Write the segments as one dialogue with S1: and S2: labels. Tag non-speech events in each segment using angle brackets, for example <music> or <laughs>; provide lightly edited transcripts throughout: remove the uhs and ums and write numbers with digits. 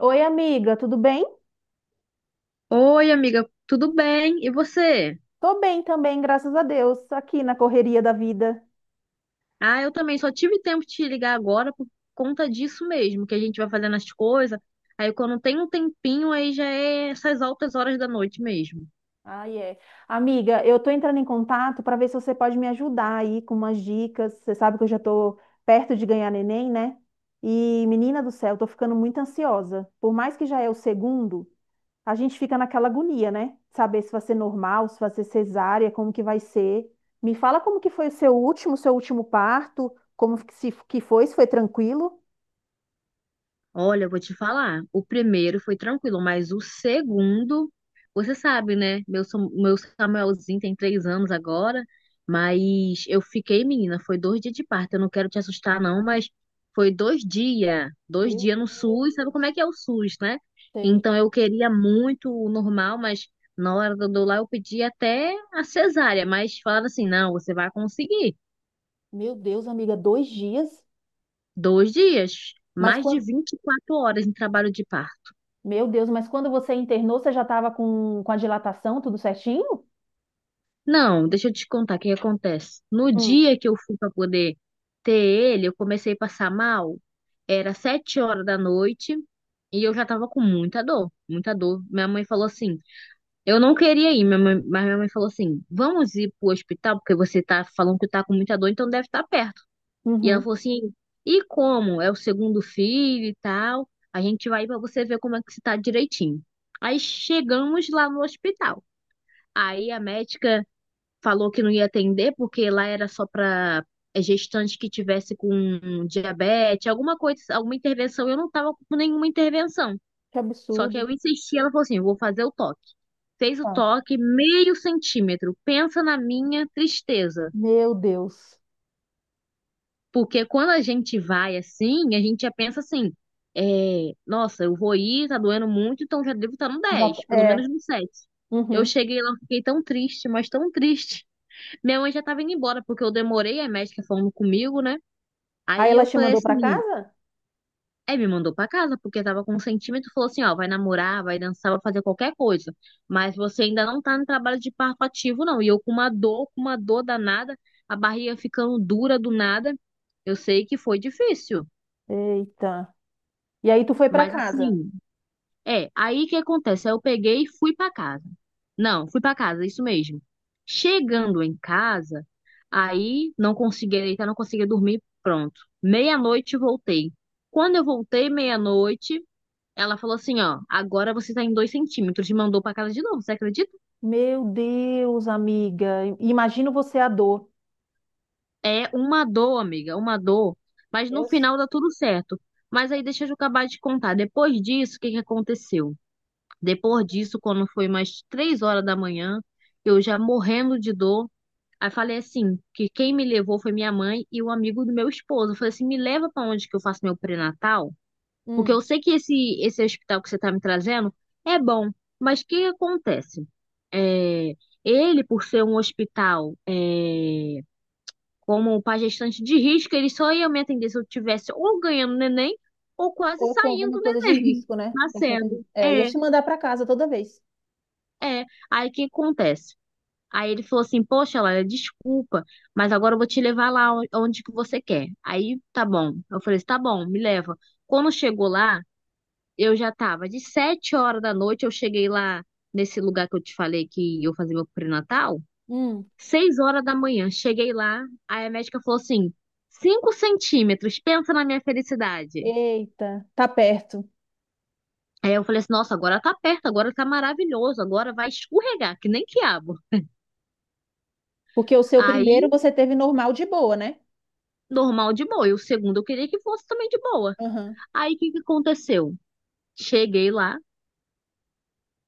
S1: Oi, amiga, tudo bem?
S2: Oi, amiga, tudo bem? E você?
S1: Tô bem também, graças a Deus, aqui na correria da vida.
S2: Ah, eu também só tive tempo de te ligar agora por conta disso mesmo, que a gente vai fazendo as coisas. Aí quando tem um tempinho, aí já é essas altas horas da noite mesmo.
S1: Ah, é. Amiga, eu tô entrando em contato para ver se você pode me ajudar aí com umas dicas. Você sabe que eu já tô perto de ganhar neném, né? E, menina do céu, eu tô ficando muito ansiosa. Por mais que já é o segundo, a gente fica naquela agonia, né? Saber se vai ser normal, se vai ser cesárea, como que vai ser. Me fala como que foi o seu último parto, como que foi, se foi tranquilo?
S2: Olha, eu vou te falar. O primeiro foi tranquilo, mas o segundo, você sabe, né? Meu, meu Samuelzinho tem 3 anos agora, mas eu fiquei, menina, foi 2 dias de parto. Eu não quero te assustar, não, mas foi 2 dias, dois
S1: Meu
S2: dias no SUS. Sabe como é
S1: Deus.
S2: que é o SUS, né? Então eu queria muito o normal, mas na hora do lá eu pedi até a cesárea, mas falaram assim, não, você vai conseguir.
S1: Meu Deus, amiga, dois dias?
S2: Dois dias,
S1: Mas
S2: mais de
S1: quando...
S2: 24 horas em trabalho de parto.
S1: Meu Deus, mas quando você internou, você já estava com a dilatação, tudo certinho?
S2: Não, deixa eu te contar o que que acontece. No
S1: Hum.
S2: dia que eu fui para poder ter ele, eu comecei a passar mal. Era 7 horas da noite e eu já tava com muita dor, muita dor. Minha mãe falou assim: eu não queria ir, mas minha mãe falou assim: vamos ir pro hospital, porque você tá falando que tá com muita dor, então deve estar perto. E ela
S1: Uhum.
S2: falou assim: e como? É o segundo filho e tal. A gente vai para você ver como é que você tá direitinho. Aí chegamos lá no hospital. Aí a médica falou que não ia atender porque lá era só para gestante que tivesse com diabetes, alguma coisa, alguma intervenção. Eu não estava com nenhuma intervenção.
S1: Que
S2: Só que
S1: absurdo.
S2: eu insisti, ela falou assim: "Eu vou fazer o toque. Fez o
S1: Tá.
S2: toque meio centímetro. Pensa na minha tristeza.
S1: Meu Deus.
S2: Porque quando a gente vai assim, a gente já pensa assim: é, nossa, eu vou ir, tá doendo muito, então já devo estar no
S1: Já...
S2: 10 pelo
S1: É.
S2: menos no 7. Eu
S1: Uhum.
S2: cheguei lá, fiquei tão triste, mas tão triste. Minha mãe já tava indo embora, porque eu demorei, a médica falando comigo, né?
S1: Aí
S2: Aí
S1: ela
S2: eu
S1: te
S2: falei
S1: mandou para
S2: assim,
S1: casa?
S2: aí me mandou pra casa, porque tava com um sentimento, falou assim, ó, vai namorar, vai dançar, vai fazer qualquer coisa. Mas você ainda não tá no trabalho de parto ativo, não. E eu com uma dor danada, a barriga ficando dura do nada. Eu sei que foi difícil,
S1: Eita. E aí tu foi para
S2: mas
S1: casa?
S2: assim, é, aí o que acontece? Aí eu peguei e fui pra casa. Não, fui pra casa, isso mesmo. Chegando em casa, aí não conseguia deitar, não conseguia dormir, pronto. Meia-noite voltei. Quando eu voltei, meia-noite, ela falou assim: ó, agora você tá em 2 centímetros. E mandou pra casa de novo, você acredita?
S1: Meu Deus, amiga. I- Imagino você a dor.
S2: É uma dor, amiga, uma dor. Mas no
S1: Deus.
S2: final dá tudo certo. Mas aí deixa eu acabar de contar. Depois disso, o que que aconteceu? Depois disso, quando foi mais 3 horas da manhã, eu já morrendo de dor. Aí falei assim, que quem me levou foi minha mãe e o amigo do meu esposo. Eu falei assim, me leva para onde que eu faço meu pré-natal, porque
S1: Hum.
S2: eu sei que esse hospital que você está me trazendo é bom, mas o que acontece? É, ele, por ser um hospital, é, como para gestante de risco, ele só ia me atender se eu tivesse ou ganhando neném ou quase
S1: Ou com
S2: saindo
S1: alguma
S2: do
S1: coisa de
S2: neném,
S1: risco,
S2: <laughs>
S1: né?
S2: nascendo.
S1: É, ia
S2: É.
S1: te mandar para casa toda vez.
S2: É, aí o que acontece? Aí ele falou assim, poxa, Laila, desculpa, mas agora eu vou te levar lá onde que você quer. Aí, tá bom. Eu falei assim, tá bom, me leva. Quando chegou lá, eu já tava de 7 horas da noite, eu cheguei lá nesse lugar que eu te falei que eu fazia meu pré-natal,
S1: Hum.
S2: 6 horas da manhã, cheguei lá, aí a médica falou assim, 5 centímetros, pensa na minha felicidade.
S1: Eita, tá perto.
S2: Aí eu falei assim, nossa, agora tá perto, agora tá maravilhoso, agora vai escorregar, que nem quiabo.
S1: Porque o seu
S2: Aí
S1: primeiro você teve normal de boa, né?
S2: normal de boa. E o segundo eu queria que fosse também de boa.
S1: Aham.
S2: Aí o que que aconteceu? Cheguei lá,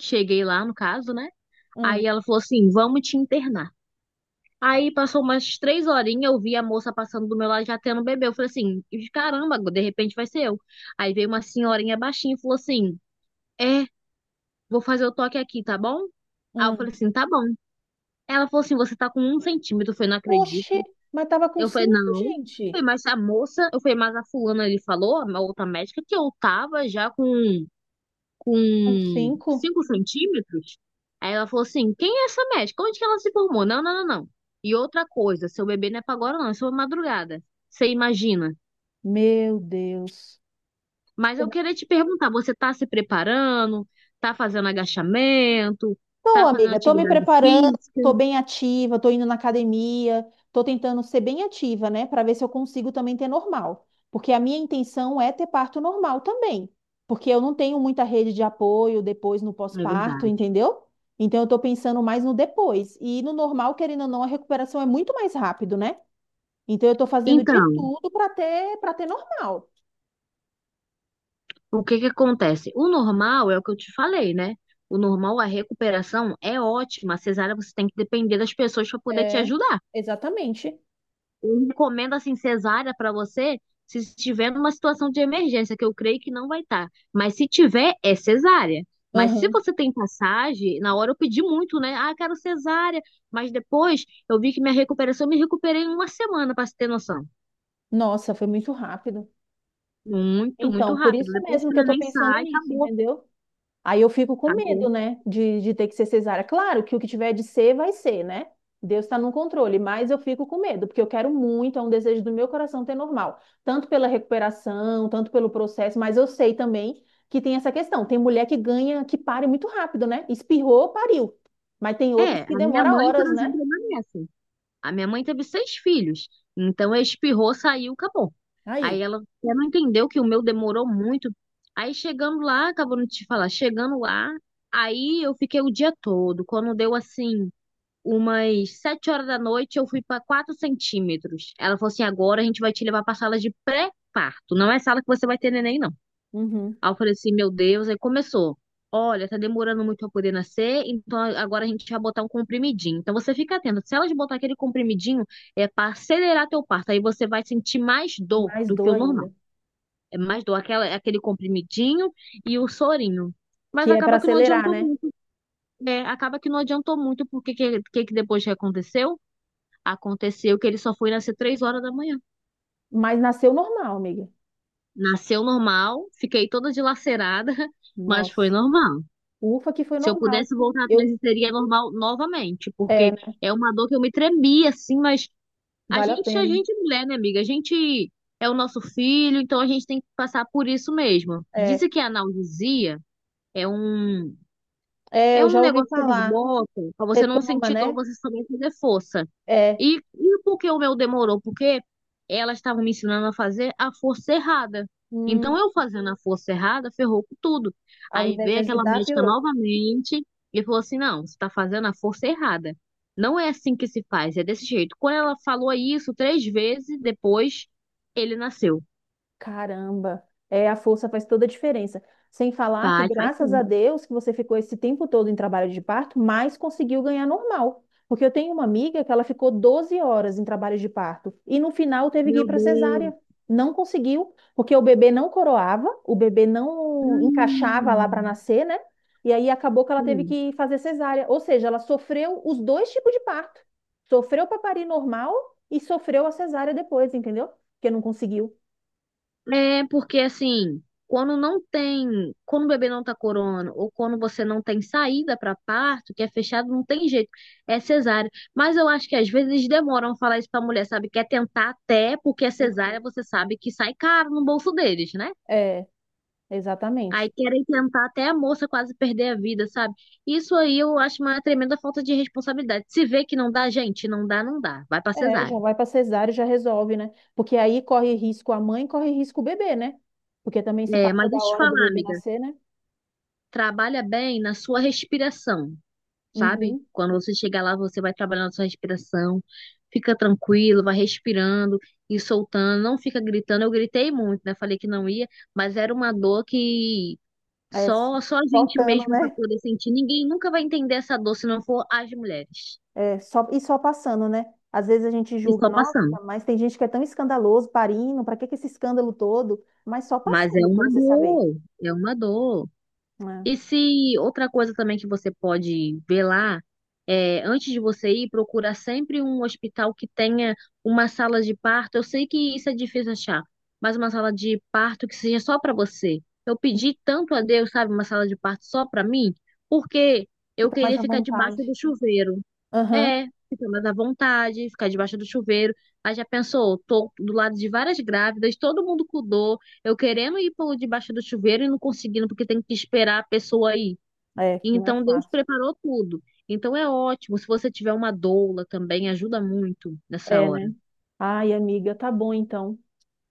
S2: cheguei lá no caso, né? Aí
S1: Hum,
S2: ela falou assim: vamos te internar. Aí passou umas três horinhas, eu vi a moça passando do meu lado já tendo bebê. Eu falei assim: caramba, de repente vai ser eu. Aí veio uma senhorinha baixinha e falou assim: é, vou fazer o toque aqui, tá bom? Aí eu falei
S1: hum.
S2: assim: tá bom. Ela falou assim: você tá com 1 centímetro. Eu falei: não
S1: Oxe,
S2: acredito.
S1: mas tava com
S2: Eu falei,
S1: cinco,
S2: não.
S1: gente.
S2: Foi mais a moça, eu falei, mas a fulana ele falou, a outra médica, que eu tava já com,
S1: Com
S2: com
S1: cinco?
S2: 5 centímetros. Aí ela falou assim, quem é essa médica? Onde que ela se formou? Não, não, não, não. E outra coisa, seu bebê não é pra agora não, é só madrugada. Você imagina.
S1: Meu Deus.
S2: Mas eu queria te perguntar, você tá se preparando? Tá fazendo agachamento?
S1: Tô,
S2: Tá fazendo
S1: amiga, tô me
S2: atividade
S1: preparando, tô
S2: física?
S1: bem ativa, tô indo na academia, tô tentando ser bem ativa, né, para ver se eu consigo também ter normal, porque a minha intenção é ter parto normal também, porque eu não tenho muita rede de apoio depois no
S2: É
S1: pós-parto,
S2: verdade.
S1: entendeu? Então eu tô pensando mais no depois, e no normal, querendo ou não, a recuperação é muito mais rápido, né? Então eu tô fazendo de
S2: Então,
S1: tudo para ter normal.
S2: o que que acontece? O normal é o que eu te falei, né? O normal, a recuperação é ótima. A cesárea você tem que depender das pessoas para poder te
S1: É,
S2: ajudar.
S1: exatamente.
S2: Eu recomendo assim cesárea para você se estiver numa situação de emergência, que eu creio que não vai estar. Mas se tiver, é cesárea. Mas se
S1: Aham.
S2: você tem passagem, na hora eu pedi muito, né? Ah, quero cesárea. Mas depois eu vi que minha recuperação, eu me recuperei em uma semana, para você ter noção.
S1: Nossa, foi muito rápido.
S2: Muito, muito
S1: Então, por
S2: rápido.
S1: isso
S2: Depois
S1: mesmo
S2: que o
S1: que eu tô
S2: neném
S1: pensando
S2: sai,
S1: nisso,
S2: acabou.
S1: entendeu? Aí eu fico com medo,
S2: Acabou.
S1: né, de ter que ser cesárea. Claro que o que tiver de ser, vai ser, né? Deus está no controle, mas eu fico com medo, porque eu quero muito, é um desejo do meu coração ter normal, tanto pela recuperação, tanto pelo processo, mas eu sei também que tem essa questão. Tem mulher que ganha, que pare muito rápido, né? Espirrou, pariu. Mas tem
S2: É,
S1: outras que
S2: a minha
S1: demora
S2: mãe, por
S1: horas, né?
S2: exemplo, é uma dessas. A minha mãe teve seis filhos, então ela espirrou, saiu, acabou. Aí
S1: Aí,
S2: ela até não entendeu que o meu demorou muito. Aí chegando lá, acabou de te falar, chegando lá, aí eu fiquei o dia todo. Quando deu assim, umas sete horas da noite, eu fui para 4 centímetros. Ela falou assim: agora a gente vai te levar para sala de pré-parto. Não é sala que você vai ter neném, não.
S1: uhum.
S2: Aí eu falei assim, meu Deus, aí começou. Olha, tá demorando muito pra poder nascer, então agora a gente vai botar um comprimidinho. Então você fica atento, se elas botar aquele comprimidinho, é para acelerar teu parto, aí você vai sentir mais dor
S1: Mais
S2: do que
S1: dor
S2: o normal.
S1: ainda,
S2: É mais dor, aquela, aquele comprimidinho e o sorinho.
S1: que
S2: Mas
S1: é para
S2: acaba que não
S1: acelerar,
S2: adiantou
S1: né?
S2: muito, é, acaba que não adiantou muito, porque que depois que aconteceu? Aconteceu que ele só foi nascer 3 horas da manhã.
S1: Mas nasceu normal, amiga.
S2: Nasceu normal, fiquei toda dilacerada, <laughs> mas foi
S1: Nossa.
S2: normal.
S1: Ufa, que foi
S2: Se eu
S1: normal.
S2: pudesse voltar atrás,
S1: Eu,
S2: e seria normal novamente,
S1: é,
S2: porque
S1: né?
S2: é uma dor que eu me tremia, assim, mas
S1: Vale a
S2: a
S1: pena.
S2: gente é mulher, né, amiga? A gente é o nosso filho, então a gente tem que passar por isso mesmo.
S1: É,
S2: Dizem que a analgesia é um
S1: é,
S2: é
S1: eu
S2: um
S1: já ouvi
S2: negócio que eles
S1: falar.
S2: botam pra
S1: Você
S2: você não
S1: toma,
S2: sentir dor,
S1: né?
S2: você também fazer força.
S1: É,
S2: E por que o meu demorou? Porque elas estavam me ensinando a fazer a força errada.
S1: hum,
S2: Então, eu fazendo a força errada, ferrou com tudo.
S1: ao
S2: Aí
S1: invés de
S2: veio aquela
S1: ajudar,
S2: médica
S1: piorou.
S2: novamente e falou assim: não, você está fazendo a força errada. Não é assim que se faz, é desse jeito. Quando ela falou isso três vezes depois, ele nasceu.
S1: Caramba, é, a força faz toda a diferença. Sem falar que,
S2: Faz, faz
S1: graças a
S2: sim.
S1: Deus, que você ficou esse tempo todo em trabalho de parto, mas conseguiu ganhar normal. Porque eu tenho uma amiga que ela ficou 12 horas em trabalho de parto e no final teve que ir
S2: Meu
S1: para
S2: Deus.
S1: cesárea. Não conseguiu, porque o bebê não coroava, o bebê não encaixava lá para
S2: Hum,
S1: nascer, né? E aí acabou que ela teve
S2: sim.
S1: que fazer cesárea. Ou seja, ela sofreu os dois tipos de parto. Sofreu para parir normal e sofreu a cesárea depois, entendeu? Porque não conseguiu.
S2: É porque assim, quando não tem, quando o bebê não tá corona, ou quando você não tem saída para parto, que é fechado, não tem jeito, é cesárea. Mas eu acho que às vezes eles demoram a falar isso pra mulher, sabe? Quer tentar até, porque a cesárea você sabe que sai caro no bolso deles, né?
S1: É,
S2: Aí
S1: exatamente.
S2: querem tentar até a moça quase perder a vida, sabe? Isso aí eu acho uma tremenda falta de responsabilidade. Se vê que não dá, gente, não dá, não dá. Vai pra
S1: É,
S2: cesárea.
S1: já vai para cesárea e já resolve, né? Porque aí corre risco a mãe, corre risco o bebê, né? Porque também se
S2: É,
S1: passa
S2: mas
S1: da
S2: deixa eu te
S1: hora do
S2: falar,
S1: bebê
S2: amiga.
S1: nascer, né?
S2: Trabalha bem na sua respiração. Sabe?
S1: Uhum.
S2: Quando você chegar lá, você vai trabalhando a sua respiração, fica tranquilo, vai respirando e soltando, não fica gritando. Eu gritei muito, né? Falei que não ia, mas era uma dor que
S1: É,
S2: só a gente
S1: faltando,
S2: mesmo para
S1: né?
S2: poder sentir. Ninguém nunca vai entender essa dor se não for as mulheres.
S1: É, só, e só passando, né? Às vezes a gente
S2: E
S1: julga,
S2: só
S1: nossa,
S2: passando.
S1: mas tem gente que é tão escandaloso, parindo, para que que esse escândalo todo? Mas só
S2: Mas é
S1: passando, para
S2: uma
S1: você saber.
S2: dor, é uma dor.
S1: Né?
S2: E se outra coisa também que você pode ver lá, é, antes de você ir, procura sempre um hospital que tenha uma sala de parto. Eu sei que isso é difícil achar, mas uma sala de parto que seja só para você. Eu pedi tanto a Deus, sabe, uma sala de parto só para mim, porque eu
S1: Fica mais
S2: queria
S1: à
S2: ficar debaixo
S1: vontade.
S2: do chuveiro.
S1: Aham,
S2: É, fica mais à vontade, ficar debaixo do chuveiro. Aí já pensou, tô do lado de várias grávidas, todo mundo com dor, eu querendo ir por debaixo do chuveiro e não conseguindo, porque tem que esperar a pessoa ir.
S1: é, não é
S2: Então Deus
S1: fácil.
S2: preparou tudo. Então é ótimo. Se você tiver uma doula também, ajuda muito nessa
S1: É,
S2: hora.
S1: né? Ai, amiga, tá bom então.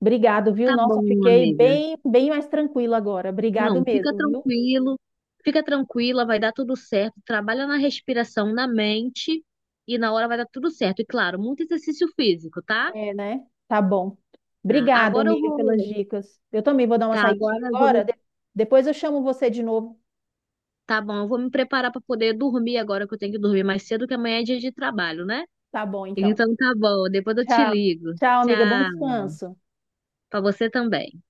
S1: Obrigado, viu?
S2: Tá
S1: Nossa,
S2: bom,
S1: fiquei
S2: amiga.
S1: bem, bem mais tranquila agora. Obrigado
S2: Não, fica
S1: mesmo, viu?
S2: tranquilo, fica tranquila, vai dar tudo certo. Trabalha na respiração, na mente, e na hora vai dar tudo certo. E claro, muito exercício físico, tá? Tá.
S1: É, né? Tá bom. Obrigada,
S2: Agora eu
S1: amiga, pelas
S2: vou.
S1: dicas. Eu também vou dar uma
S2: Tá,
S1: saidinha
S2: agora eu vou me...
S1: agora. Depois eu chamo você de novo.
S2: Tá bom, eu vou me preparar para poder dormir agora, que eu tenho que dormir mais cedo, que amanhã é dia de trabalho, né?
S1: Tá bom, então.
S2: Então tá bom, depois eu te
S1: Tchau.
S2: ligo.
S1: Tchau,
S2: Tchau,
S1: amiga. Bom descanso.
S2: para você também.